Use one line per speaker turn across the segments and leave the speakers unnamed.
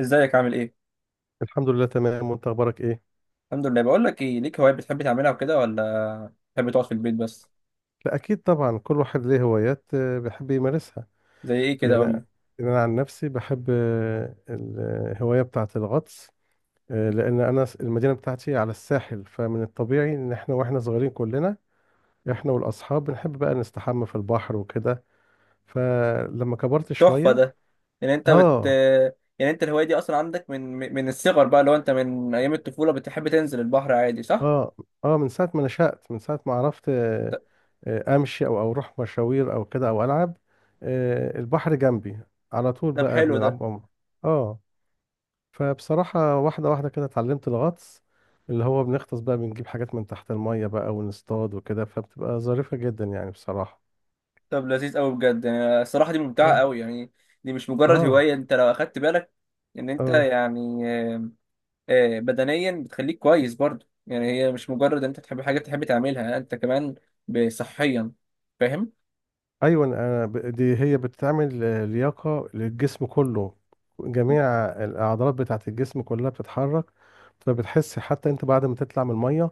ازيك؟ عامل ايه؟
الحمد لله تمام، وانت اخبارك ايه؟
الحمد لله. بقول لك ايه، ليك هوايات بتحب تعملها وكده، ولا بتحب تقعد في البيت بس؟
لا، اكيد طبعا كل واحد ليه هوايات بيحب يمارسها.
زي ايه كده؟
يعني
قول
انا
لي.
يعني أنا عن نفسي بحب الهوايه بتاعه الغطس. لان انا المدينه بتاعتي على الساحل، فمن الطبيعي ان احنا واحنا صغيرين كلنا احنا والاصحاب بنحب بقى نستحمى في البحر وكده. فلما كبرت
تحفه
شويه.
ده. يعني انت بت،
اه،
يعني انت الهوايه دي اصلا عندك من، من الصغر بقى؟ لو انت من ايام الطفوله بتحب تنزل البحر عادي، صح؟
اه، اه. من ساعه ما نشأت، من ساعه ما عرفت
ط-
امشي او اروح مشاوير او كده او العب. البحر جنبي، على طول
طب
بقى
حلو ده.
بنلعب عمر. اه. فبصراحة واحدة واحدة كده اتعلمت الغطس، اللي هو بنغطس بقى بنجيب حاجات من تحت المية بقى ونصطاد وكده، فبتبقى ظريفة جدا يعني بصراحة.
طب لذيذ قوي بجد، يعني الصراحه دي ممتعه
اه،
قوي يعني. دي مش مجرد
اه،
هوايه، انت لو اخدت بالك ان انت
اه.
يعني بدنيا بتخليك كويس برضه، يعني هي مش مجرد ان انت تحب حاجه بتحب تعملها، انت كمان صحيا، فاهم؟
ايوه، أنا دي هي بتعمل لياقه للجسم كله، جميع الاعضلات بتاعه الجسم كلها بتتحرك، فبتحس حتى انت بعد ما تطلع من الميه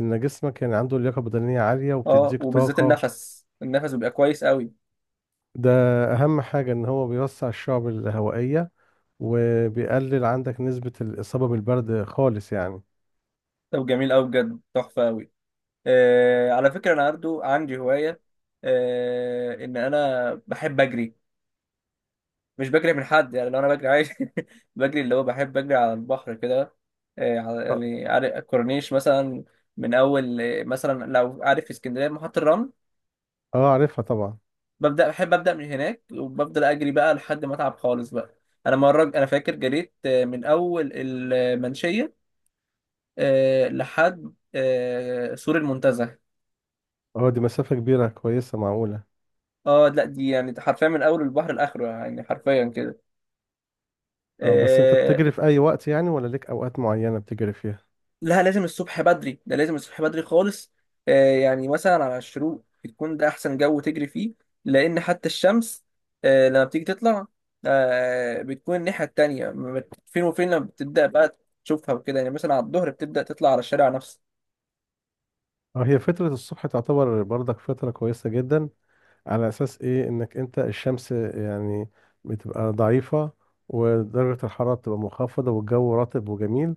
ان جسمك يعني عنده لياقه بدنيه عاليه
اه،
وبتديك
وبالذات
طاقه.
النفس بيبقى كويس قوي.
ده اهم حاجه ان هو بيوسع الشعب الهوائيه، وبيقلل عندك نسبه الاصابه بالبرد خالص يعني.
طب جميل قوي بجد، تحفه قوي. آه على فكره، انا برضو عندي هوايه، آه ان انا بحب اجري. مش بجري من حد يعني، لو انا بجري عادي. بجري اللي هو بحب اجري على البحر كده.
اه.
يعني عارف الكورنيش مثلا؟ من اول، مثلا لو عارف في اسكندريه محطه الرمل،
عارفها طبعا.
ببدا بحب ابدا من هناك وبفضل اجري بقى لحد ما اتعب خالص بقى. انا مره انا فاكر جريت، من اول المنشيه آه لحد آه سور المنتزه.
اه، دي مسافه كبيره كويسه، معقوله.
اه لا، دي يعني حرفيا من اول البحر لاخره، يعني حرفيا كده.
اه، بس انت
آه
بتجري في اي وقت يعني ولا ليك اوقات معينه بتجري فيها؟
لا، لازم الصبح بدري، ده لازم الصبح بدري خالص. آه يعني مثلا على الشروق، يكون ده احسن جو تجري فيه، لان حتى الشمس آه لما بتيجي تطلع آه بتكون الناحيه التانيه ما بت- فين وفين، لما بتبدا بقى تشوفها وكده، يعني مثلا على الظهر بتبدا تطلع على الشارع نفسه.
اه، هي فترة الصبح تعتبر برضك فترة كويسة جدا، على أساس إيه إنك أنت الشمس يعني بتبقى ضعيفة، ودرجة الحرارة بتبقى منخفضة والجو رطب وجميل،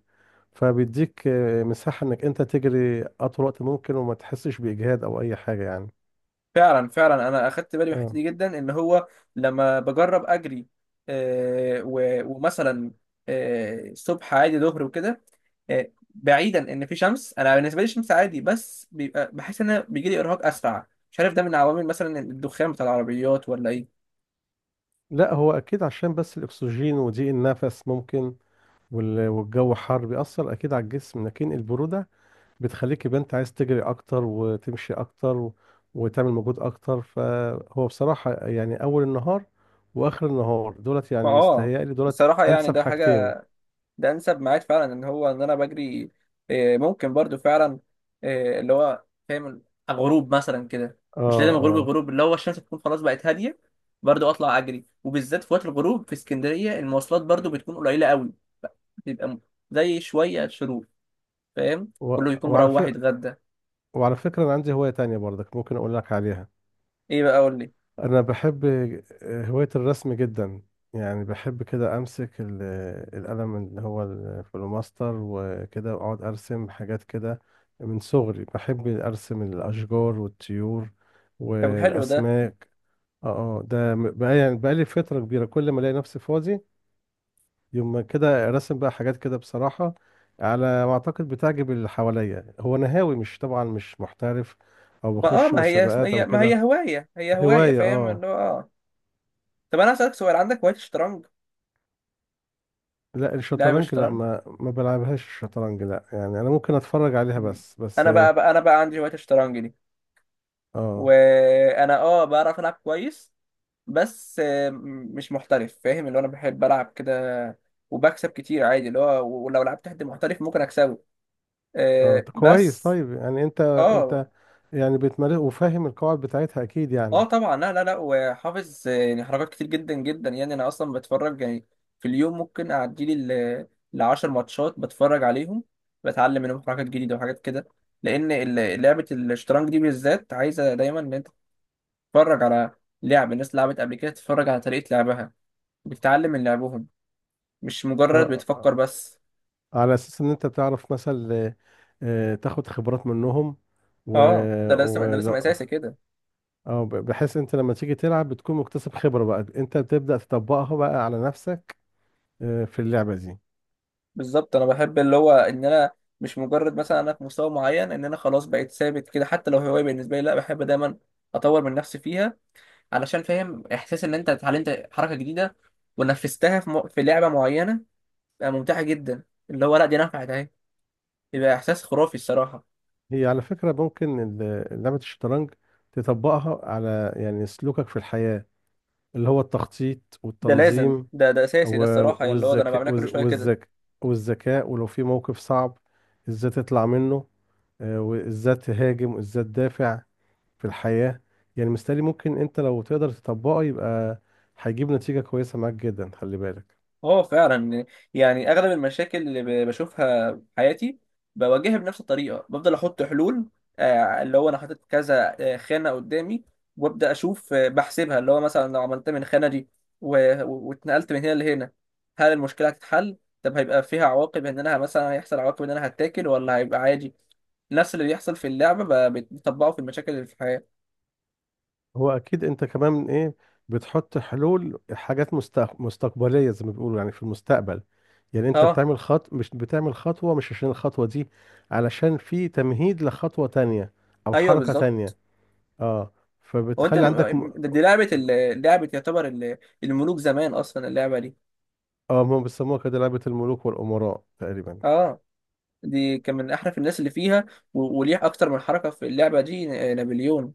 فبيديك مساحة إنك أنت تجري أطول وقت ممكن وما تحسش بإجهاد أو أي حاجة يعني.
فعلا فعلا، انا اخدت بالي من الحته
اه،
دي جدا ان هو لما بجرب اجري، ومثلا الصبح عادي، ظهر وكده، بعيدا ان في شمس، انا بالنسبه لي الشمس عادي، بس بيبقى بحس ان انا بيجي لي ارهاق اسرع، مش عارف ده من عوامل مثلا الدخان بتاع العربيات ولا ايه.
لا هو أكيد عشان بس الأكسجين وضيق النفس ممكن، والجو حر بيأثر أكيد على الجسم، لكن البرودة بتخليك يبقى انت عايز تجري اكتر وتمشي اكتر وتعمل مجهود اكتر، فهو بصراحة يعني اول النهار واخر النهار دولت، يعني
فاه،
مستهيألي دولت
الصراحه يعني
انسب
ده حاجه،
حاجتين.
ده انسب ميعاد فعلا ان هو ان انا بجري. ممكن برضو فعلا، اللي هو فاهم، غروب مثلا كده.
اه.
مش لازم غروب،
اه.
الغروب اللي هو الشمس تكون خلاص بقت هاديه، برضو اطلع اجري. وبالذات في وقت الغروب في اسكندريه، المواصلات برضو بتكون قليله قوي. بيبقى م- زي شويه شروق، فاهم؟
و...
كله يكون
وعلى ف...
مروح يتغدى.
وعلى فكرة انا عندي هواية تانية برضك، ممكن اقول لك عليها.
ايه بقى؟ قول لي.
انا بحب هواية الرسم جدا، يعني بحب كده امسك القلم اللي هو الفلوماستر وكده، واقعد ارسم حاجات كده. من صغري بحب ارسم الاشجار والطيور
طب حلو ده.
والاسماك. اه. ده بقى يعني بقالي فترة كبيرة كل ما الاقي نفسي فاضي يوم ما كده رسم بقى حاجات كده بصراحة. على ما اعتقد بتعجب اللي حواليا، هو انا هاوي، مش طبعا، مش محترف او
ما اه
بخش
ما هي اسم-
مسابقات
هي
او
ما
كده.
هي هوايه، هي هوايه،
هواية.
فاهم
اه.
اللي هو اه. طب انا اسالك سؤال، عندك هوايه الشطرنج،
لا
لعب
الشطرنج، لا
الشطرنج؟
ما بلعبهاش الشطرنج لا، يعني انا ممكن اتفرج عليها
مم.
بس
انا
اه
بقى، بقى انا بقى عندي هوايه الشطرنج دي،
اه.
وانا اه بعرف العب كويس، بس مش محترف، فاهم اللي هو انا بحب العب كده، وبكسب كتير عادي، اللي هو ولو لعبت حد محترف ممكن اكسبه
طب كويس،
بس.
طيب يعني انت
اه،
انت يعني بتمارس وفاهم القواعد بتاعتها اكيد
اه
يعني.
طبعا، لا لا لا، وحافظ يعني حركات كتير جدا جدا، يعني انا اصلا بتفرج يعني. في اليوم ممكن اعدي لي لـ10 ماتشات بتفرج عليهم، بتعلم منهم حركات جديدة وحاجات كده. لان لعبة الشطرنج دي بالذات عايزة دايما ان انت تتفرج على لعب الناس لعبت قبل كده، تتفرج على طريقة لعبها، بتتعلم من لعبهم، مش
اه.
مجرد بتفكر بس.
على اساس ان انت بتعرف مثلا تاخد خبرات منهم، و
اه، ده لازم، ده لازم
ولو
اساسي كده.
اه ب- بحيث انت لما تيجي تلعب بتكون مكتسب خبرة، بقى انت بتبدأ تطبقها بقى على نفسك في اللعبة دي.
بالظبط، انا بحب اللي هو ان انا مش مجرد مثلا انا في مستوى معين ان انا خلاص بقيت ثابت كده، حتى لو هوايه بالنسبه لي، لا بحب دايما اطور من نفسي فيها، علشان فاهم احساس ان انت اتعلمت حركه جديده ونفذتها في لعبه معينه، بقى ممتعه جدا، اللي هو لا دي نفعت اهي، يبقى احساس خرافي الصراحه.
هي على فكرة ممكن لعبة الشطرنج تطبقها على يعني سلوكك في الحياة، اللي هو التخطيط
ده لازم،
والتنظيم
ده اساسي، ده الصراحه
و-
اللي هو ده انا
والذكاء
بعملها كل
والذ-
شويه كده.
والذك والذكاء، ولو في موقف صعب ازاي تطلع منه وازاي تهاجم وازاي تدافع في الحياة. يعني مستني، ممكن انت لو تقدر تطبقه يبقى هيجيب نتيجة كويسة معاك جدا، خلي بالك.
اه فعلا، يعني اغلب المشاكل اللي بشوفها في حياتي بواجهها بنفس الطريقه، بفضل احط حلول. اللي هو انا حاطط كذا خانه قدامي، وابدا اشوف بحسبها، اللي هو مثلا لو عملت من الخانه دي واتنقلت من هنا لهنا، هل المشكله هتتحل؟ طب هيبقى فيها عواقب ان انا مثلا، هيحصل عواقب ان انا هتاكل، ولا هيبقى عادي؟ نفس اللي بيحصل في اللعبه بتطبقه في المشاكل اللي في الحياه.
هو اكيد انت كمان ايه، بتحط حلول حاجات مستقبليه، زي ما بيقولوا يعني في المستقبل. يعني انت
اه،
بتعمل خط، مش بتعمل خطوه مش عشان الخطوه دي، علشان في تمهيد لخطوه تانية او
ايوه
حركه
بالظبط.
تانية. اه.
هو انت
فبتخلي عندك
دي لعبه لعبه يعتبر الملوك زمان اصلا اللعبه دي.
اه، هم بيسموها كده لعبه الملوك والامراء تقريبا.
اه، دي كان من احرف الناس اللي فيها وليه اكتر من حركه في اللعبه دي نابليون،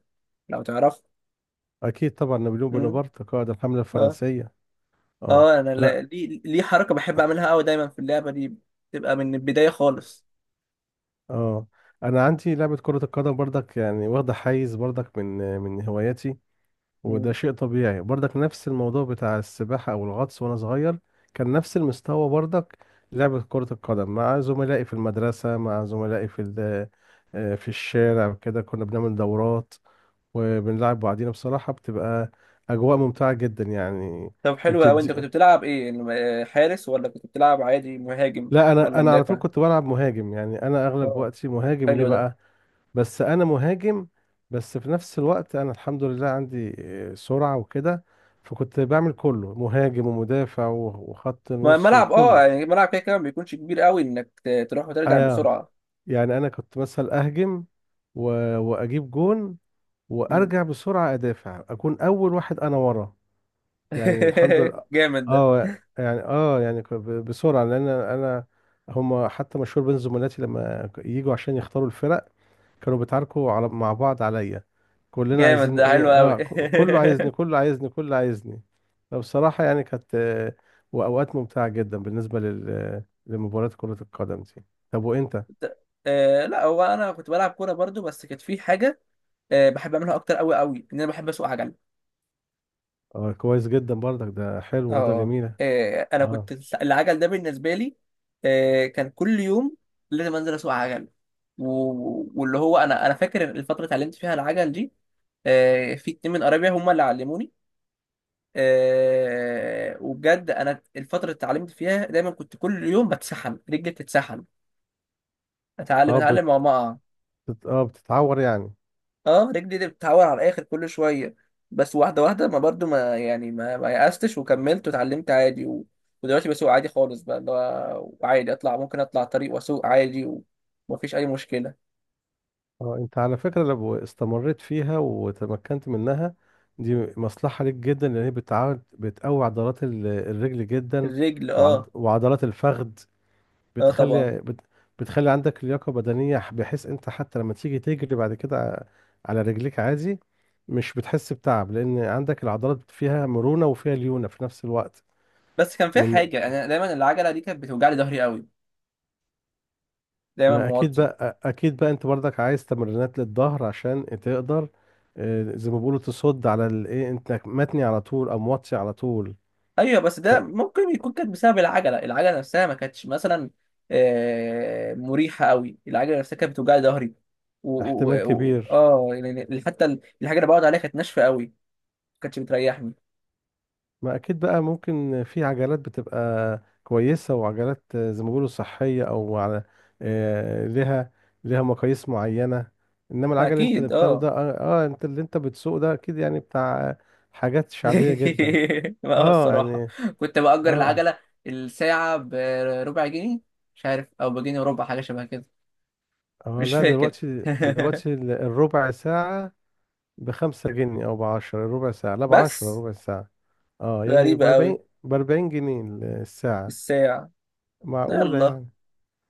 لو تعرف.
اكيد طبعا، نابليون
مم.
بونابرت قائد الحمله
اه
الفرنسيه. اه
اه، انا
انا
ليه حركه بحب اعملها قوي دايما في اللعبه دي، بتبقى من البدايه خالص.
اه، انا عندي لعبه كره القدم برضك يعني، واخده حيز برضك من هواياتي. وده
مم.
شيء طبيعي برضك، نفس الموضوع بتاع السباحة أو الغطس، وأنا صغير كان نفس المستوى برضك، لعبة كرة القدم مع زملائي في المدرسة، مع زملائي في ال- آه، في الشارع كده، كنا بنعمل دورات وبنلعب بعضينا، بصراحة بتبقى أجواء ممتعة جدا يعني.
طب حلو قوي، انت
وبتدي.
كنت بتلعب ايه، حارس، ولا كنت بتلعب عادي مهاجم
لا، أنا
ولا
أنا على طول
مدافع؟
كنت بلعب مهاجم، يعني أنا
اه،
أغلب وقتي مهاجم ليه
حلو ده.
بقى، بس انا مهاجم. بس في نفس الوقت انا الحمد لله عندي سرعة وكده، فكنت بعمل كله مهاجم ومدافع وخط نص
ملعب، اه
وكله.
يعني الملعب كده كده ما بيكونش كبير قوي انك تروح وترجع
انا،
بسرعه.
يعني انا كنت مثلا اهجم و... واجيب جون،
مم.
وارجع بسرعة ادافع، اكون اول واحد انا ورا. يعني الحمد لله.
جامد ده.
بسرعة لان انا، هما حتى مشهور بين زملاتي لما يجوا عشان يختاروا الفرق كانوا بيتعاركوا على مع بعض عليا، كلنا
جامد
عايزين
ده،
ايه.
حلو قوي.
اه. كله عايزني كله عايزني كله عايزني. فبصراحة يعني كانت وأوقات ممتعة جدا بالنسبة لمباراة كرة القدم دي. طب وأنت؟
آه لا، هو انا كنت بلعب كوره برضو، بس كانت في حاجه آه بحب اعملها اكتر قوي قوي، ان انا بحب اسوق عجل.
اه، كويس جدا برضك، ده حلو، رضا
اه،
جميلة.
انا
اه.
كنت، العجل ده بالنسبه لي آه كان كل يوم لازم انزل اسوق عجل، واللي هو انا، فاكر الفتره اللي اتعلمت فيها العجل دي، في 2 من قرايبي هم اللي علموني. وبجد انا الفتره اللي اتعلمت فيها دايما كنت كل يوم بتسحم رجلي، بتتسحم، اتعلم
اه
اتعلم وما اقع.
بتتعور يعني.
اه، رجلي دي بتتعور على الاخر كل شويه، بس واحده واحده، ما برضو ما يعني ما يأستش، وكملت واتعلمت عادي، ودلوقتي بسوق عادي خالص بقى، اللي هو عادي اطلع، ممكن اطلع طريق واسوق عادي، ومفيش اي مشكله.
اه، انت على فكرة لو استمريت فيها وتمكنت منها، دي مصلحة ليك جدا لان هي بتعود بتقوي عضلات الرجل جدا،
الرجل، اه.
وعضلات الفخذ،
اه طبعا.
بتخلي بت... بتخلي عندك لياقة بدنية بحيث انت حتى لما تيجي تجري بعد كده على رجليك عادي، مش بتحس بتعب لان عندك العضلات فيها مرونة وفيها ليونة في نفس الوقت.
بس كان فيها
من
حاجه، انا دايما العجله دي كانت بتوجع لي ظهري قوي، دايما
ما اكيد
موطي.
بقى، انت برضك عايز تمرينات للظهر عشان تقدر زي ما بيقولوا تصد على الايه، انت متني على طول او موطي على طول.
ايوه بس ده ممكن يكون كانت بسبب العجله، العجله نفسها ما كانتش مثلا مريحه قوي، العجله نفسها كانت بتوجع لي ظهري. و... و...
فاحتمال
و...
كبير.
اه يعني حتى الحاجه اللي بقعد عليها كانت ناشفه قوي، ما كانتش بتريحني.
ما اكيد بقى، ممكن في عجلات بتبقى كويسة وعجلات زي ما بيقولوا صحية او على لها، لها مقاييس معينة. انما العجل اللي
اكيد،
بتاخده
اه.
ده، انت بتسوق ده اكيد يعني بتاع حاجات شعبية جدا.
ما هو
اه
الصراحه
يعني.
كنت باجر
اه.
العجله الساعه بربع جنيه، مش عارف، او بجنيه وربع، حاجه شبه كده،
اه،
مش
لا،
فاكر.
دلوقتي دلوقتي الربع ساعة ب5 جنيه او ب10 الربع ساعة. لا، ب10
بس
ربع ساعة. اه، يعني
غريبه قوي
ب40 جنيه الساعة.
الساعه.
معقولة
يلا،
يعني.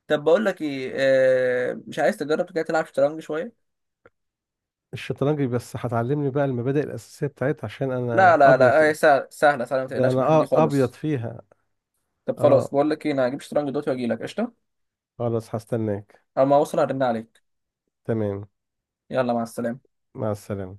طب بقول لك ايه، مش عايز تجرب كده تلعب شطرنج شويه؟
الشطرنج بس هتعلمني بقى المبادئ الأساسية بتاعتها عشان
لا
أنا
لا لا، هي
أبيض،
سهله سهله سهله، ما
ده
تقلقش من الحتة
أنا
دي
أبيض
خالص.
فيها.
طب خلاص،
أه،
بقول لك ايه، انا هجيب شطرنج دلوقتي واجي لك قشطه.
خلاص هستناك.
اما اوصل هرن عليك.
تمام.
يلا مع السلامه.
مع السلامة.